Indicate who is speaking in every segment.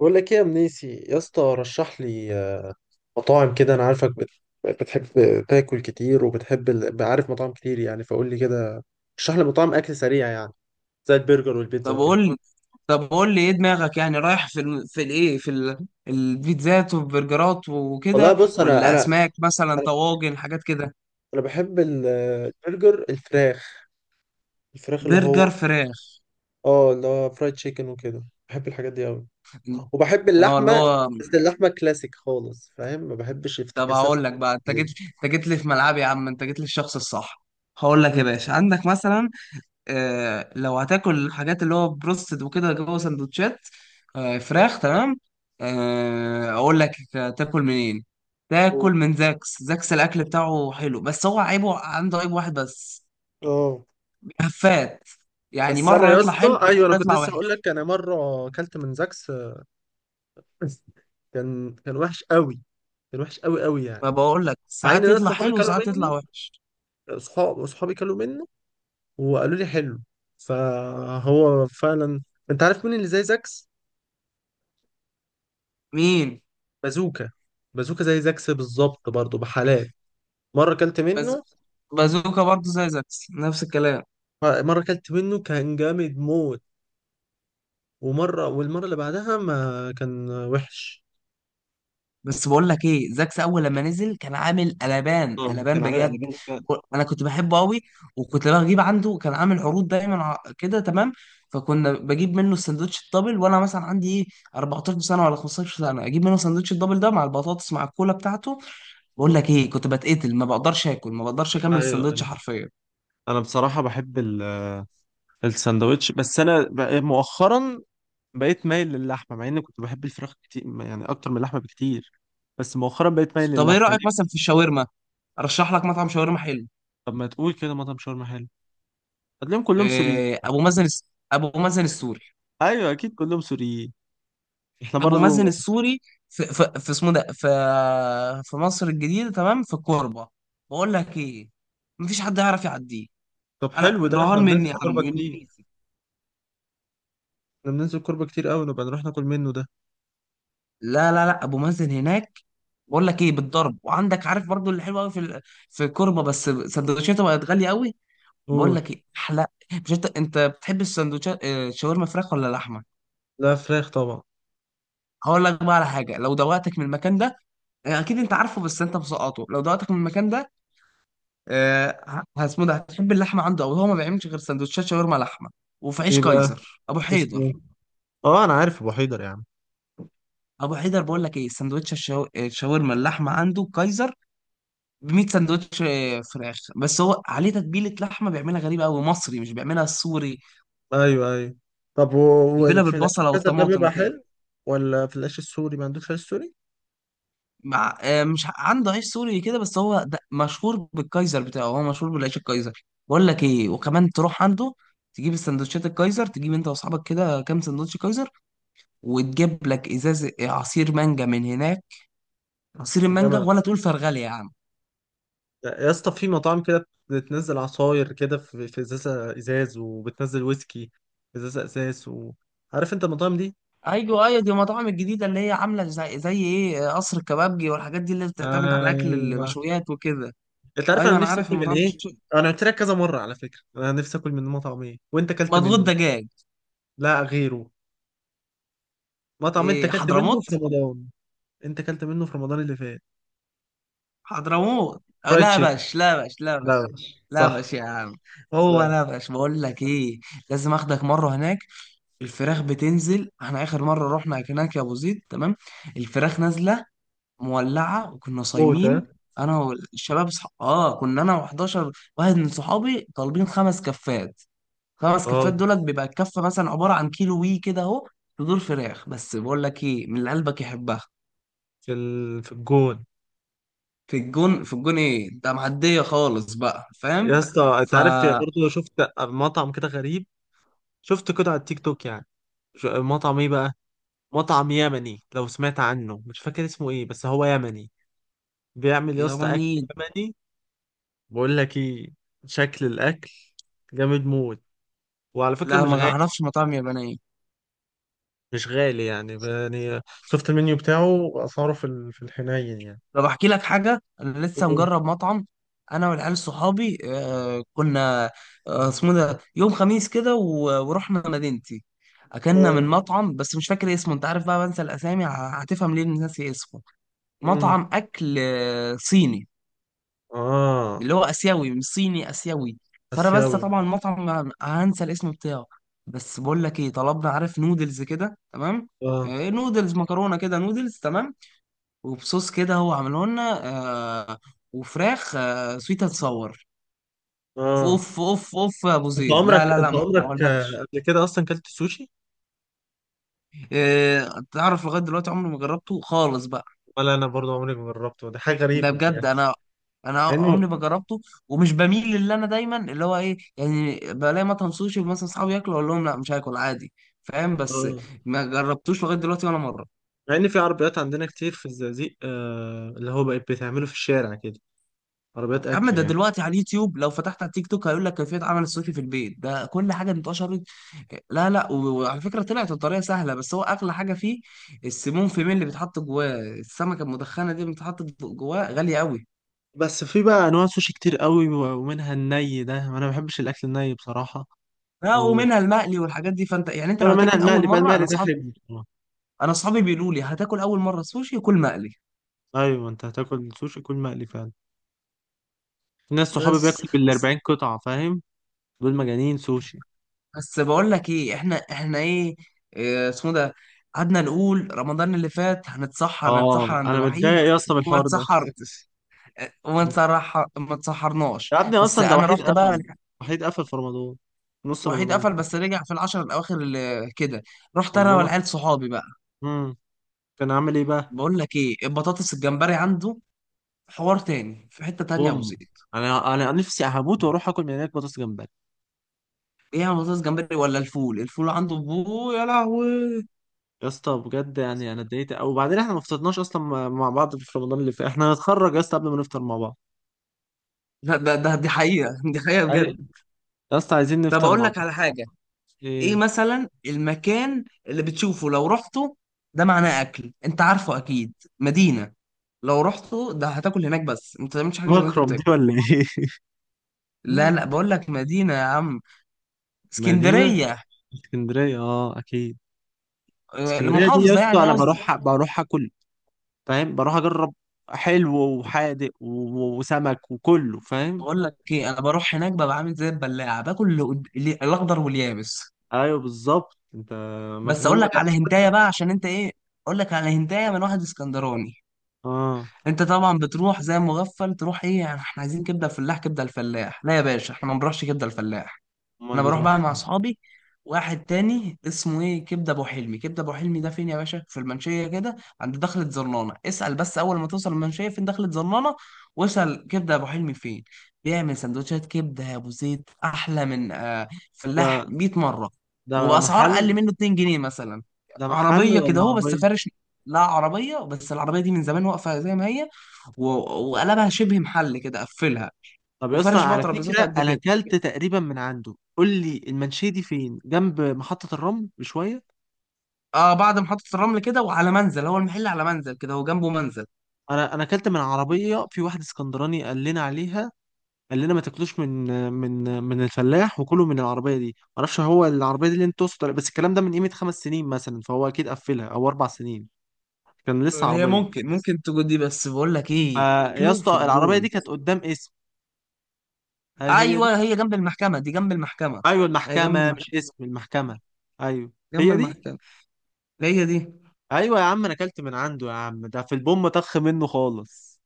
Speaker 1: بقول لك ايه يا منيسي يا اسطى رشح لي مطاعم كده. انا عارفك بتحب تاكل كتير وبتحب عارف مطاعم كتير يعني، فقول لي كده. رشح لي مطاعم اكل سريع يعني، زي البرجر والبيتزا
Speaker 2: طب
Speaker 1: وكده.
Speaker 2: قول لي طب قول لي ايه دماغك، يعني رايح في ال... في الايه في ال... البيتزات والبرجرات
Speaker 1: والله
Speaker 2: وكده،
Speaker 1: بص، انا
Speaker 2: ولا
Speaker 1: انا
Speaker 2: اسماك مثلا،
Speaker 1: انا
Speaker 2: طواجن، حاجات كده؟
Speaker 1: أنا بحب البرجر الفراخ، الفراخ اللي هو
Speaker 2: برجر فراخ،
Speaker 1: اه اللي هو فرايد تشيكن وكده. بحب الحاجات دي قوي، وبحب
Speaker 2: اه اللي
Speaker 1: اللحمه.
Speaker 2: هو،
Speaker 1: بس اللحمه كلاسيك خالص، فاهم؟ ما بحبش
Speaker 2: طب
Speaker 1: افتكاسات
Speaker 2: هقول لك بقى. انت جيت
Speaker 1: اللحمة.
Speaker 2: انت جيت لي في ملعبي يا عم، انت جيت لي الشخص الصح. هقول لك يا
Speaker 1: مم.
Speaker 2: باشا، عندك مثلا لو هتاكل الحاجات اللي هو بروستد وكده جوه سندوتشات فراخ، تمام. اقول لك تاكل منين. تاكل من زاكس. زاكس الاكل بتاعه حلو، بس هو عيبه، عنده عيب واحد بس.
Speaker 1: اه،
Speaker 2: هفات، يعني
Speaker 1: بس انا
Speaker 2: مره
Speaker 1: يا
Speaker 2: يطلع حلو
Speaker 1: اسطى،
Speaker 2: مره
Speaker 1: ايوه انا كنت
Speaker 2: يطلع
Speaker 1: لسه هقول
Speaker 2: وحش.
Speaker 1: لك، انا مره اكلت من زاكس كان وحش قوي، كان وحش قوي قوي يعني.
Speaker 2: ما بقول لك،
Speaker 1: مع ان
Speaker 2: ساعات
Speaker 1: ناس
Speaker 2: يطلع
Speaker 1: صحابي
Speaker 2: حلو
Speaker 1: كلوا
Speaker 2: وساعات يطلع
Speaker 1: مني،
Speaker 2: وحش.
Speaker 1: صحاب صحابي كلوا منه وقالوا لي حلو، فهو فعلا. انت عارف مين اللي زي زاكس؟
Speaker 2: مين؟
Speaker 1: بازوكا. بازوكا زي زاكس بالظبط برضه بحالات. مره اكلت
Speaker 2: بز...
Speaker 1: منه،
Speaker 2: بازوكا برضه زي زاكس، نفس الكلام.
Speaker 1: مره اكلت منه كان جامد موت، ومره والمره اللي بعدها ما كان وحش.
Speaker 2: بس بقول لك ايه، زاكس اول لما نزل كان عامل قلبان قلبان
Speaker 1: كان عامل
Speaker 2: بجد.
Speaker 1: قلبين فعلا.
Speaker 2: انا كنت بحبه قوي، وكنت بجيب عنده، كان عامل عروض دايما كده، تمام. فكنا بجيب منه السندوتش الدبل، وانا مثلا عندي ايه، 14 سنة سنه ولا 15 سنة سنه، اجيب منه السندوتش الدبل ده مع البطاطس مع الكولا بتاعته. بقول لك ايه، كنت بتقتل، ما بقدرش اكل، ما بقدرش اكمل
Speaker 1: ايوه
Speaker 2: السندوتش
Speaker 1: ايوه،
Speaker 2: حرفيا.
Speaker 1: انا بصراحه بحب الساندوتش، بس انا مؤخرا بقيت مايل للحمه، مع اني كنت بحب الفراخ كتير يعني اكتر من اللحمه بكتير. بس مؤخرا بقيت مايل
Speaker 2: طب ايه
Speaker 1: للحمه،
Speaker 2: رايك
Speaker 1: ليه؟
Speaker 2: مثلا في الشاورما؟ ارشح لك مطعم شاورما حلو.
Speaker 1: طب ما تقول كده مطعم شاورما حلو. هتلاقيهم كلهم سوريين.
Speaker 2: إيه، ابو مازن السوري.
Speaker 1: ايوه اكيد كلهم سوريين، احنا
Speaker 2: ابو مازن
Speaker 1: برضو.
Speaker 2: السوري، في اسمه ده، في في مصر الجديده، تمام، في الكوربه. بقول لك ايه، مفيش حد يعرف يعديه.
Speaker 1: طب
Speaker 2: انا
Speaker 1: حلو، ده
Speaker 2: رهان
Speaker 1: احنا
Speaker 2: مني يا
Speaker 1: بننزل
Speaker 2: عم،
Speaker 1: كوربه
Speaker 2: من
Speaker 1: كتير،
Speaker 2: منيسي.
Speaker 1: احنا بننزل كوربه كتير قوي، نبقى نروح ناكل منه ده.
Speaker 2: لا، ابو مازن هناك. بقول لك ايه، بالضرب. وعندك، عارف، برضو اللي حلو قوي في الكوربه، بس سندوتشاته بقت غاليه قوي. بقول
Speaker 1: قول.
Speaker 2: لك ايه احلى. مش انت، انت بتحب السندوتشات شاورما فراخ ولا لحمه؟
Speaker 1: لا فراخ طبعا.
Speaker 2: هقول لك بقى على حاجه، لو دوقتك من المكان ده اكيد انت عارفه، بس انت مسقطه. لو دوقتك من المكان ده آه، اسمه ده، هتحب اللحمه عنده. او هو ما بيعملش غير سندوتشات شاورما لحمه وفي عيش
Speaker 1: ايه بقى،
Speaker 2: كايزر، ابو
Speaker 1: اسمه إيه؟
Speaker 2: حيدر.
Speaker 1: اه انا عارف ابو حيدر يا عم.
Speaker 2: ابو حيدر بقول لك ايه، سندوتش الشاورما اللحمه عنده كايزر، ب 100 سندوتش. فراخ، بس هو عليه تتبيله لحمه بيعملها غريبه قوي، مصري، مش بيعملها السوري.
Speaker 1: ايوه ايوه. طب
Speaker 2: بيعملها
Speaker 1: وفي العيش
Speaker 2: بالبصله
Speaker 1: الأسد ده
Speaker 2: والطماطم
Speaker 1: بيبقى
Speaker 2: وكده.
Speaker 1: حلو ولا في العيش السوري؟ ما عندوش عيش سوري؟
Speaker 2: مع مش عنده عيش سوري كده، بس هو ده مشهور بالكايزر بتاعه، هو مشهور بالعيش الكايزر. بقول لك ايه، وكمان تروح عنده تجيب السندوتشات الكايزر، تجيب انت واصحابك كده كام سندوتش كايزر، وتجيب لك ازاز عصير مانجا من هناك، عصير المانجا،
Speaker 1: جامد.
Speaker 2: ولا تقول فرغلي يا عم.
Speaker 1: يا اسطى في مطاعم كده بتنزل عصاير كده في في ازازه ازاز، وبتنزل ويسكي في ازازه ازاز و... عارف انت المطاعم دي؟
Speaker 2: ايوه ايوه، دي المطاعم الجديده اللي هي عامله زي ايه، قصر الكبابجي والحاجات دي، اللي بتعتمد على اكل
Speaker 1: ايوه.
Speaker 2: المشويات وكده.
Speaker 1: انت عارف انا
Speaker 2: ايوه، انا
Speaker 1: نفسي
Speaker 2: عارف
Speaker 1: اكل من
Speaker 2: المطاعم دي.
Speaker 1: ايه؟ انا قلت لك كذا مره على فكره، انا نفسي اكل من مطعم ايه وانت اكلت
Speaker 2: مضغوط
Speaker 1: منه.
Speaker 2: دجاج.
Speaker 1: لا غيره. مطعم انت
Speaker 2: ايه،
Speaker 1: اكلت منه في
Speaker 2: حضرموت.
Speaker 1: رمضان، انت اكلت منه في رمضان اللي فات.
Speaker 2: حضرموت،
Speaker 1: فرايد
Speaker 2: لا
Speaker 1: تشيكن.
Speaker 2: باش لا باش لا
Speaker 1: لا
Speaker 2: باش
Speaker 1: وحش.
Speaker 2: لا
Speaker 1: صح.
Speaker 2: باش يا عم. هو
Speaker 1: لا.
Speaker 2: لا باش، بقول لك ايه، لازم اخدك مره هناك. الفراخ بتنزل، احنا اخر مره رحنا هناك يا ابو زيد، تمام، الفراخ نازله مولعه، وكنا
Speaker 1: موت
Speaker 2: صايمين.
Speaker 1: ها.
Speaker 2: انا والشباب اه، كنا انا و11 واحد من صحابي طالبين خمس كفات. خمس
Speaker 1: اه،
Speaker 2: كفات دولت بيبقى الكفه مثلا عباره عن كيلو وي كده اهو، صدور فراخ. بس بقول لك ايه، من اللي قلبك يحبها
Speaker 1: في ال... في الجون.
Speaker 2: في الجون. في الجون، ايه ده، معديه خالص بقى،
Speaker 1: يا
Speaker 2: فاهم؟
Speaker 1: اسطى انت
Speaker 2: ف
Speaker 1: عارف برضه، شفت مطعم كده غريب، شفته كده على التيك توك يعني. مطعم ايه بقى، مطعم يمني. لو سمعت عنه، مش فاكر اسمه ايه، بس هو يمني. بيعمل يا اسطى اكل
Speaker 2: ياباني؟
Speaker 1: يمني. بقول لك ايه، شكل الاكل جامد موت، وعلى فكره
Speaker 2: لا،
Speaker 1: مش
Speaker 2: ما
Speaker 1: غالي.
Speaker 2: اعرفش مطاعم يابانيه.
Speaker 1: مش غالي يعني يعني شفت المنيو بتاعه، اسعاره في في الحنين يعني.
Speaker 2: طب احكي لك حاجه، انا لسه
Speaker 1: أوه.
Speaker 2: مجرب مطعم. انا والعيال صحابي، آه كنا اسمه ده، يوم خميس كده ورحنا مدينتي، اكلنا
Speaker 1: اه.
Speaker 2: من مطعم، بس مش فاكر اسمه. انت عارف بقى، بنسى الاسامي، هتفهم ليه إني ناسي اسمه.
Speaker 1: امم.
Speaker 2: مطعم اكل صيني،
Speaker 1: اه.
Speaker 2: اللي هو اسيوي، مش صيني، اسيوي. فانا بنسى
Speaker 1: اسيوي.
Speaker 2: طبعا المطعم، هنسى الاسم بتاعه. بس بقول لك ايه، طلبنا، عارف، نودلز كده، تمام.
Speaker 1: اه.
Speaker 2: نودلز، مكرونه كده، نودلز، تمام، وبصوص كده هو عمله لنا، آه وفراخ، آه، سويت، هتصور.
Speaker 1: اه،
Speaker 2: اوف اوف اوف يا ابو
Speaker 1: انت
Speaker 2: زيد، لا
Speaker 1: عمرك،
Speaker 2: لا
Speaker 1: انت
Speaker 2: لا ما
Speaker 1: عمرك
Speaker 2: اقولكش.
Speaker 1: قبل كده اصلا كلت سوشي؟
Speaker 2: آه، تعرف لغايه دلوقتي عمري ما جربته خالص بقى.
Speaker 1: ولا انا برضو عمري ما جربته، دي حاجه
Speaker 2: ده
Speaker 1: غريبه
Speaker 2: بجد،
Speaker 1: يعني.
Speaker 2: انا
Speaker 1: مع انه
Speaker 2: عمري ما جربته. ومش بميل للي، انا دايما اللي هو ايه، يعني بلاقي مطعم سوشي مثلا، اصحابي ياكلوا، اقول لهم لا، مش هاكل، عادي، فاهم. بس
Speaker 1: اه،
Speaker 2: ما جربتوش لغايه دلوقتي ولا مره.
Speaker 1: مع ان في عربيات عندنا كتير في الزقازيق آه، اللي هو بقت بتعمله في الشارع كده، عربيات
Speaker 2: يا عم،
Speaker 1: اكل
Speaker 2: ده
Speaker 1: يعني.
Speaker 2: دلوقتي على اليوتيوب، لو فتحت على التيك توك هيقول لك كيفية عمل السوشي في البيت، ده كل حاجة انتشرت. لا لا، وعلى فكرة، طلعت الطريقة سهلة، بس هو أغلى حاجة فيه السيمون فيمين اللي بيتحط جواه، السمكة المدخنة دي اللي بتتحط جواه غالية قوي.
Speaker 1: بس في بقى انواع سوشي كتير قوي ومنها الني، ده انا ما بحبش الاكل الني بصراحه.
Speaker 2: لا،
Speaker 1: و-
Speaker 2: ومنها المقلي والحاجات دي، فانت يعني، انت لو
Speaker 1: ولا منها
Speaker 2: هتاكل اول
Speaker 1: المقلي بقى،
Speaker 2: مره،
Speaker 1: المقلي ده حلو بصراحة.
Speaker 2: انا اصحابي بيقولوا لي هتاكل اول مره سوشي، كل مقلي.
Speaker 1: ايوه، انت هتاكل سوشي كل مقلي فعلا. في ناس صحابي
Speaker 2: بس
Speaker 1: بياكلوا بال
Speaker 2: بس
Speaker 1: 40 قطعه فاهم، دول مجانين سوشي.
Speaker 2: بس بقول لك ايه، احنا ايه، إيه اسمه ده، قعدنا نقول رمضان اللي فات هنتسحر
Speaker 1: اه،
Speaker 2: عند
Speaker 1: انا متضايق
Speaker 2: وحيد،
Speaker 1: يا اسطى من
Speaker 2: وما
Speaker 1: الحوار ده.
Speaker 2: اتسحرتش، وما تصرح، ما تسحرناش.
Speaker 1: يا ابني
Speaker 2: بس
Speaker 1: اصلا ده
Speaker 2: انا
Speaker 1: وحيد
Speaker 2: رحت بقى
Speaker 1: قفل،
Speaker 2: يعني.
Speaker 1: وحيد قفل في رمضان، نص
Speaker 2: وحيد
Speaker 1: رمضان.
Speaker 2: قفل بس رجع في العشر الاواخر اللي كده. رحت انا
Speaker 1: والله.
Speaker 2: والعيال صحابي بقى.
Speaker 1: امم. كان عامل ايه بقى؟
Speaker 2: بقول لك ايه، البطاطس الجمبري عنده حوار تاني في حتة تانية يا ابو
Speaker 1: بوم،
Speaker 2: زيد.
Speaker 1: انا انا نفسي هموت واروح اكل من هناك بطاطس جمبري.
Speaker 2: ايه يا بطاطس جمبري، ولا الفول، الفول عنده، بو يا لهوي.
Speaker 1: يا اسطى بجد يعني انا اتضايقت قوي، وبعدين احنا ما فطرناش اصلا مع بعض في رمضان اللي فات. احنا هنتخرج يا اسطى قبل ما نفطر مع بعض.
Speaker 2: لا، ده دي حقيقة، دي حقيقة
Speaker 1: ايوه.
Speaker 2: بجد.
Speaker 1: يا اسطى عايزين
Speaker 2: طب
Speaker 1: نفطر
Speaker 2: أقول
Speaker 1: مع
Speaker 2: لك
Speaker 1: بعض.
Speaker 2: على حاجة. إيه
Speaker 1: ايه.
Speaker 2: مثلا المكان اللي بتشوفه، لو رحته، ده معناه أكل أنت عارفه أكيد. مدينة، لو رحته ده هتاكل هناك، بس أنت ما تعملش حاجة غير اللي أنت
Speaker 1: مكرم دي
Speaker 2: بتاكل.
Speaker 1: ولا ايه؟
Speaker 2: لا، بقول لك مدينة يا عم.
Speaker 1: مدينة.
Speaker 2: اسكندرية،
Speaker 1: اسكندرية. اه اكيد. اسكندرية دي يا
Speaker 2: المحافظة
Speaker 1: اسطى
Speaker 2: يعني،
Speaker 1: انا
Speaker 2: قصدي.
Speaker 1: بروح، بروح اكل، فاهم، بروح اجرب حلو وحادق وسمك وكله، فاهم.
Speaker 2: بقول لك ايه، انا بروح هناك ببقى عامل زي البلاعة، باكل الاخضر واليابس.
Speaker 1: ايوه بالظبط انت
Speaker 2: بس اقول
Speaker 1: مجنون.
Speaker 2: لك على هنتايه بقى، عشان انت ايه. اقول لك على هنتايه من واحد اسكندراني.
Speaker 1: اه،
Speaker 2: انت طبعا بتروح زي مغفل، تروح ايه، يعني احنا عايزين كبده فلاح، كبده الفلاح؟ لا يا باشا، احنا ما بنروحش كبده الفلاح.
Speaker 1: امال
Speaker 2: انا بروح
Speaker 1: بتروح
Speaker 2: بقى مع
Speaker 1: فين؟
Speaker 2: اصحابي واحد تاني اسمه ايه، كبده ابو حلمي. كبده ابو حلمي ده فين يا باشا؟ في المنشيه كده عند دخله زرنانه. اسال بس، اول ما توصل المنشيه، فين دخله زرنانه، واسال كبده ابو حلمي فين. بيعمل سندوتشات كبده يا ابو زيد احلى من آه فلاح
Speaker 1: ده
Speaker 2: 100 مره،
Speaker 1: ده
Speaker 2: وباسعار اقل
Speaker 1: محل.
Speaker 2: منه 2 جنيه مثلا.
Speaker 1: ده محل
Speaker 2: عربيه كده
Speaker 1: ولا
Speaker 2: هو، بس
Speaker 1: عربية؟
Speaker 2: فارش. لا عربيه، بس العربيه دي من زمان واقفه زي ما هي، و- وقلبها شبه محل كده، قفلها
Speaker 1: طب يا اسطى
Speaker 2: وفارش بقى
Speaker 1: على
Speaker 2: ترابيزات
Speaker 1: فكرة
Speaker 2: قد
Speaker 1: انا
Speaker 2: كده.
Speaker 1: اكلت تقريبا من عنده. قول لي المنشية دي فين، جنب محطة الرمل بشوية؟
Speaker 2: اه، بعد محطة الرمل كده، وعلى منزل، هو المحل على منزل كده، هو جنبه منزل.
Speaker 1: انا انا اكلت من عربية، في واحد اسكندراني قال لنا عليها، قال لنا ما تاكلوش من من الفلاح، وكلوا من العربية دي. ما اعرفش هو العربية دي اللي انت تقصد بس الكلام ده من قيمة خمس سنين مثلا، فهو اكيد قفلها، او اربع سنين. كان لسه
Speaker 2: هي
Speaker 1: عربية.
Speaker 2: ممكن ممكن تكون دي، بس بقول لك ايه،
Speaker 1: فيا
Speaker 2: كلو في
Speaker 1: اسطى العربية
Speaker 2: الجون.
Speaker 1: دي كانت قدام اسم، هل هي دي؟
Speaker 2: ايوه، هي جنب المحكمة دي، جنب المحكمة.
Speaker 1: ايوه
Speaker 2: هي جنب
Speaker 1: المحكمة، مش
Speaker 2: المحكمة،
Speaker 1: اسم المحكمة. ايوه
Speaker 2: جنب
Speaker 1: هي دي.
Speaker 2: المحكمة. هي دي.
Speaker 1: ايوه يا عم انا اكلت من عنده يا عم، ده في البوم طخ منه خالص.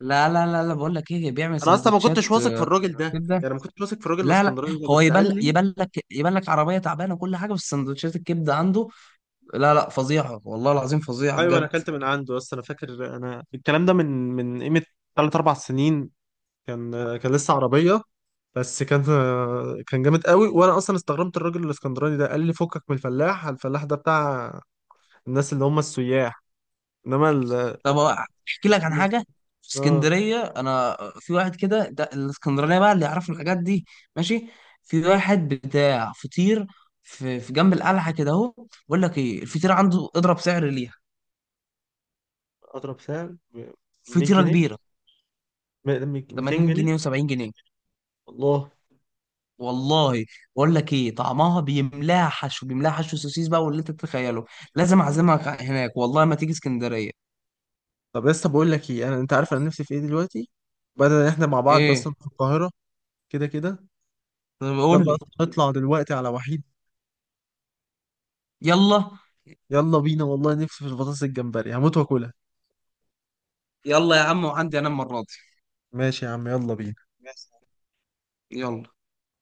Speaker 2: لا بقول لك ايه، بيعمل
Speaker 1: انا اصلا ما كنتش
Speaker 2: سندوتشات
Speaker 1: واثق في الراجل ده،
Speaker 2: كبدة.
Speaker 1: يعني ما كنتش واثق في الراجل
Speaker 2: لا لا،
Speaker 1: الاسكندراني ده،
Speaker 2: هو
Speaker 1: بس
Speaker 2: يبان
Speaker 1: قال لي.
Speaker 2: يبان لك يبان لك عربية تعبانة وكل حاجة، بس سندوتشات الكبدة عنده لا لا، فظيعة والله العظيم، فظيعة
Speaker 1: ايوه انا
Speaker 2: بجد.
Speaker 1: اكلت من عنده، بس انا فاكر انا الكلام ده من قيمه ثلاث اربع سنين. كان كان لسه عربيه، بس كان جامد قوي. وانا اصلا استغربت الراجل الاسكندراني ده، قال لي فكك من الفلاح، الفلاح ده بتاع الناس اللي هم السياح، انما ال...
Speaker 2: طب احكي لك عن
Speaker 1: الناس-
Speaker 2: حاجه في
Speaker 1: اه
Speaker 2: اسكندريه. انا في واحد كده، ده الاسكندرانيه بقى اللي يعرفوا الحاجات دي، ماشي، في واحد بتاع فطير في جنب القلعه كده اهو. بقول لك ايه، الفطيره عنده اضرب سعر ليها.
Speaker 1: اضرب سعر ب 100
Speaker 2: فطيره
Speaker 1: جنيه
Speaker 2: كبيره،
Speaker 1: م- 200
Speaker 2: 80
Speaker 1: جنيه
Speaker 2: جنيه و70 جنيه.
Speaker 1: والله.
Speaker 2: والله. بقول لك ايه طعمها، بيملاها حشو، بيملاها حشو سوسيس بقى واللي انت تتخيله. لازم اعزمك هناك، والله ما تيجي اسكندريه.
Speaker 1: طب لسه بقول لك ايه، انا انت عارف انا نفسي في ايه دلوقتي؟ بدل ان احنا مع بعض اصلا
Speaker 2: ايه؟
Speaker 1: في القاهره، كده كده
Speaker 2: طب قول
Speaker 1: يلا
Speaker 2: لي.
Speaker 1: أصلاً نطلع دلوقتي على وحيد.
Speaker 2: يلا.
Speaker 1: يلا بينا والله، نفسي في البطاطس الجمبري هموت واكلها.
Speaker 2: يلا يا عم، وعندي انام المره دي.
Speaker 1: ماشي يا عم، يلا بينا.
Speaker 2: يلا.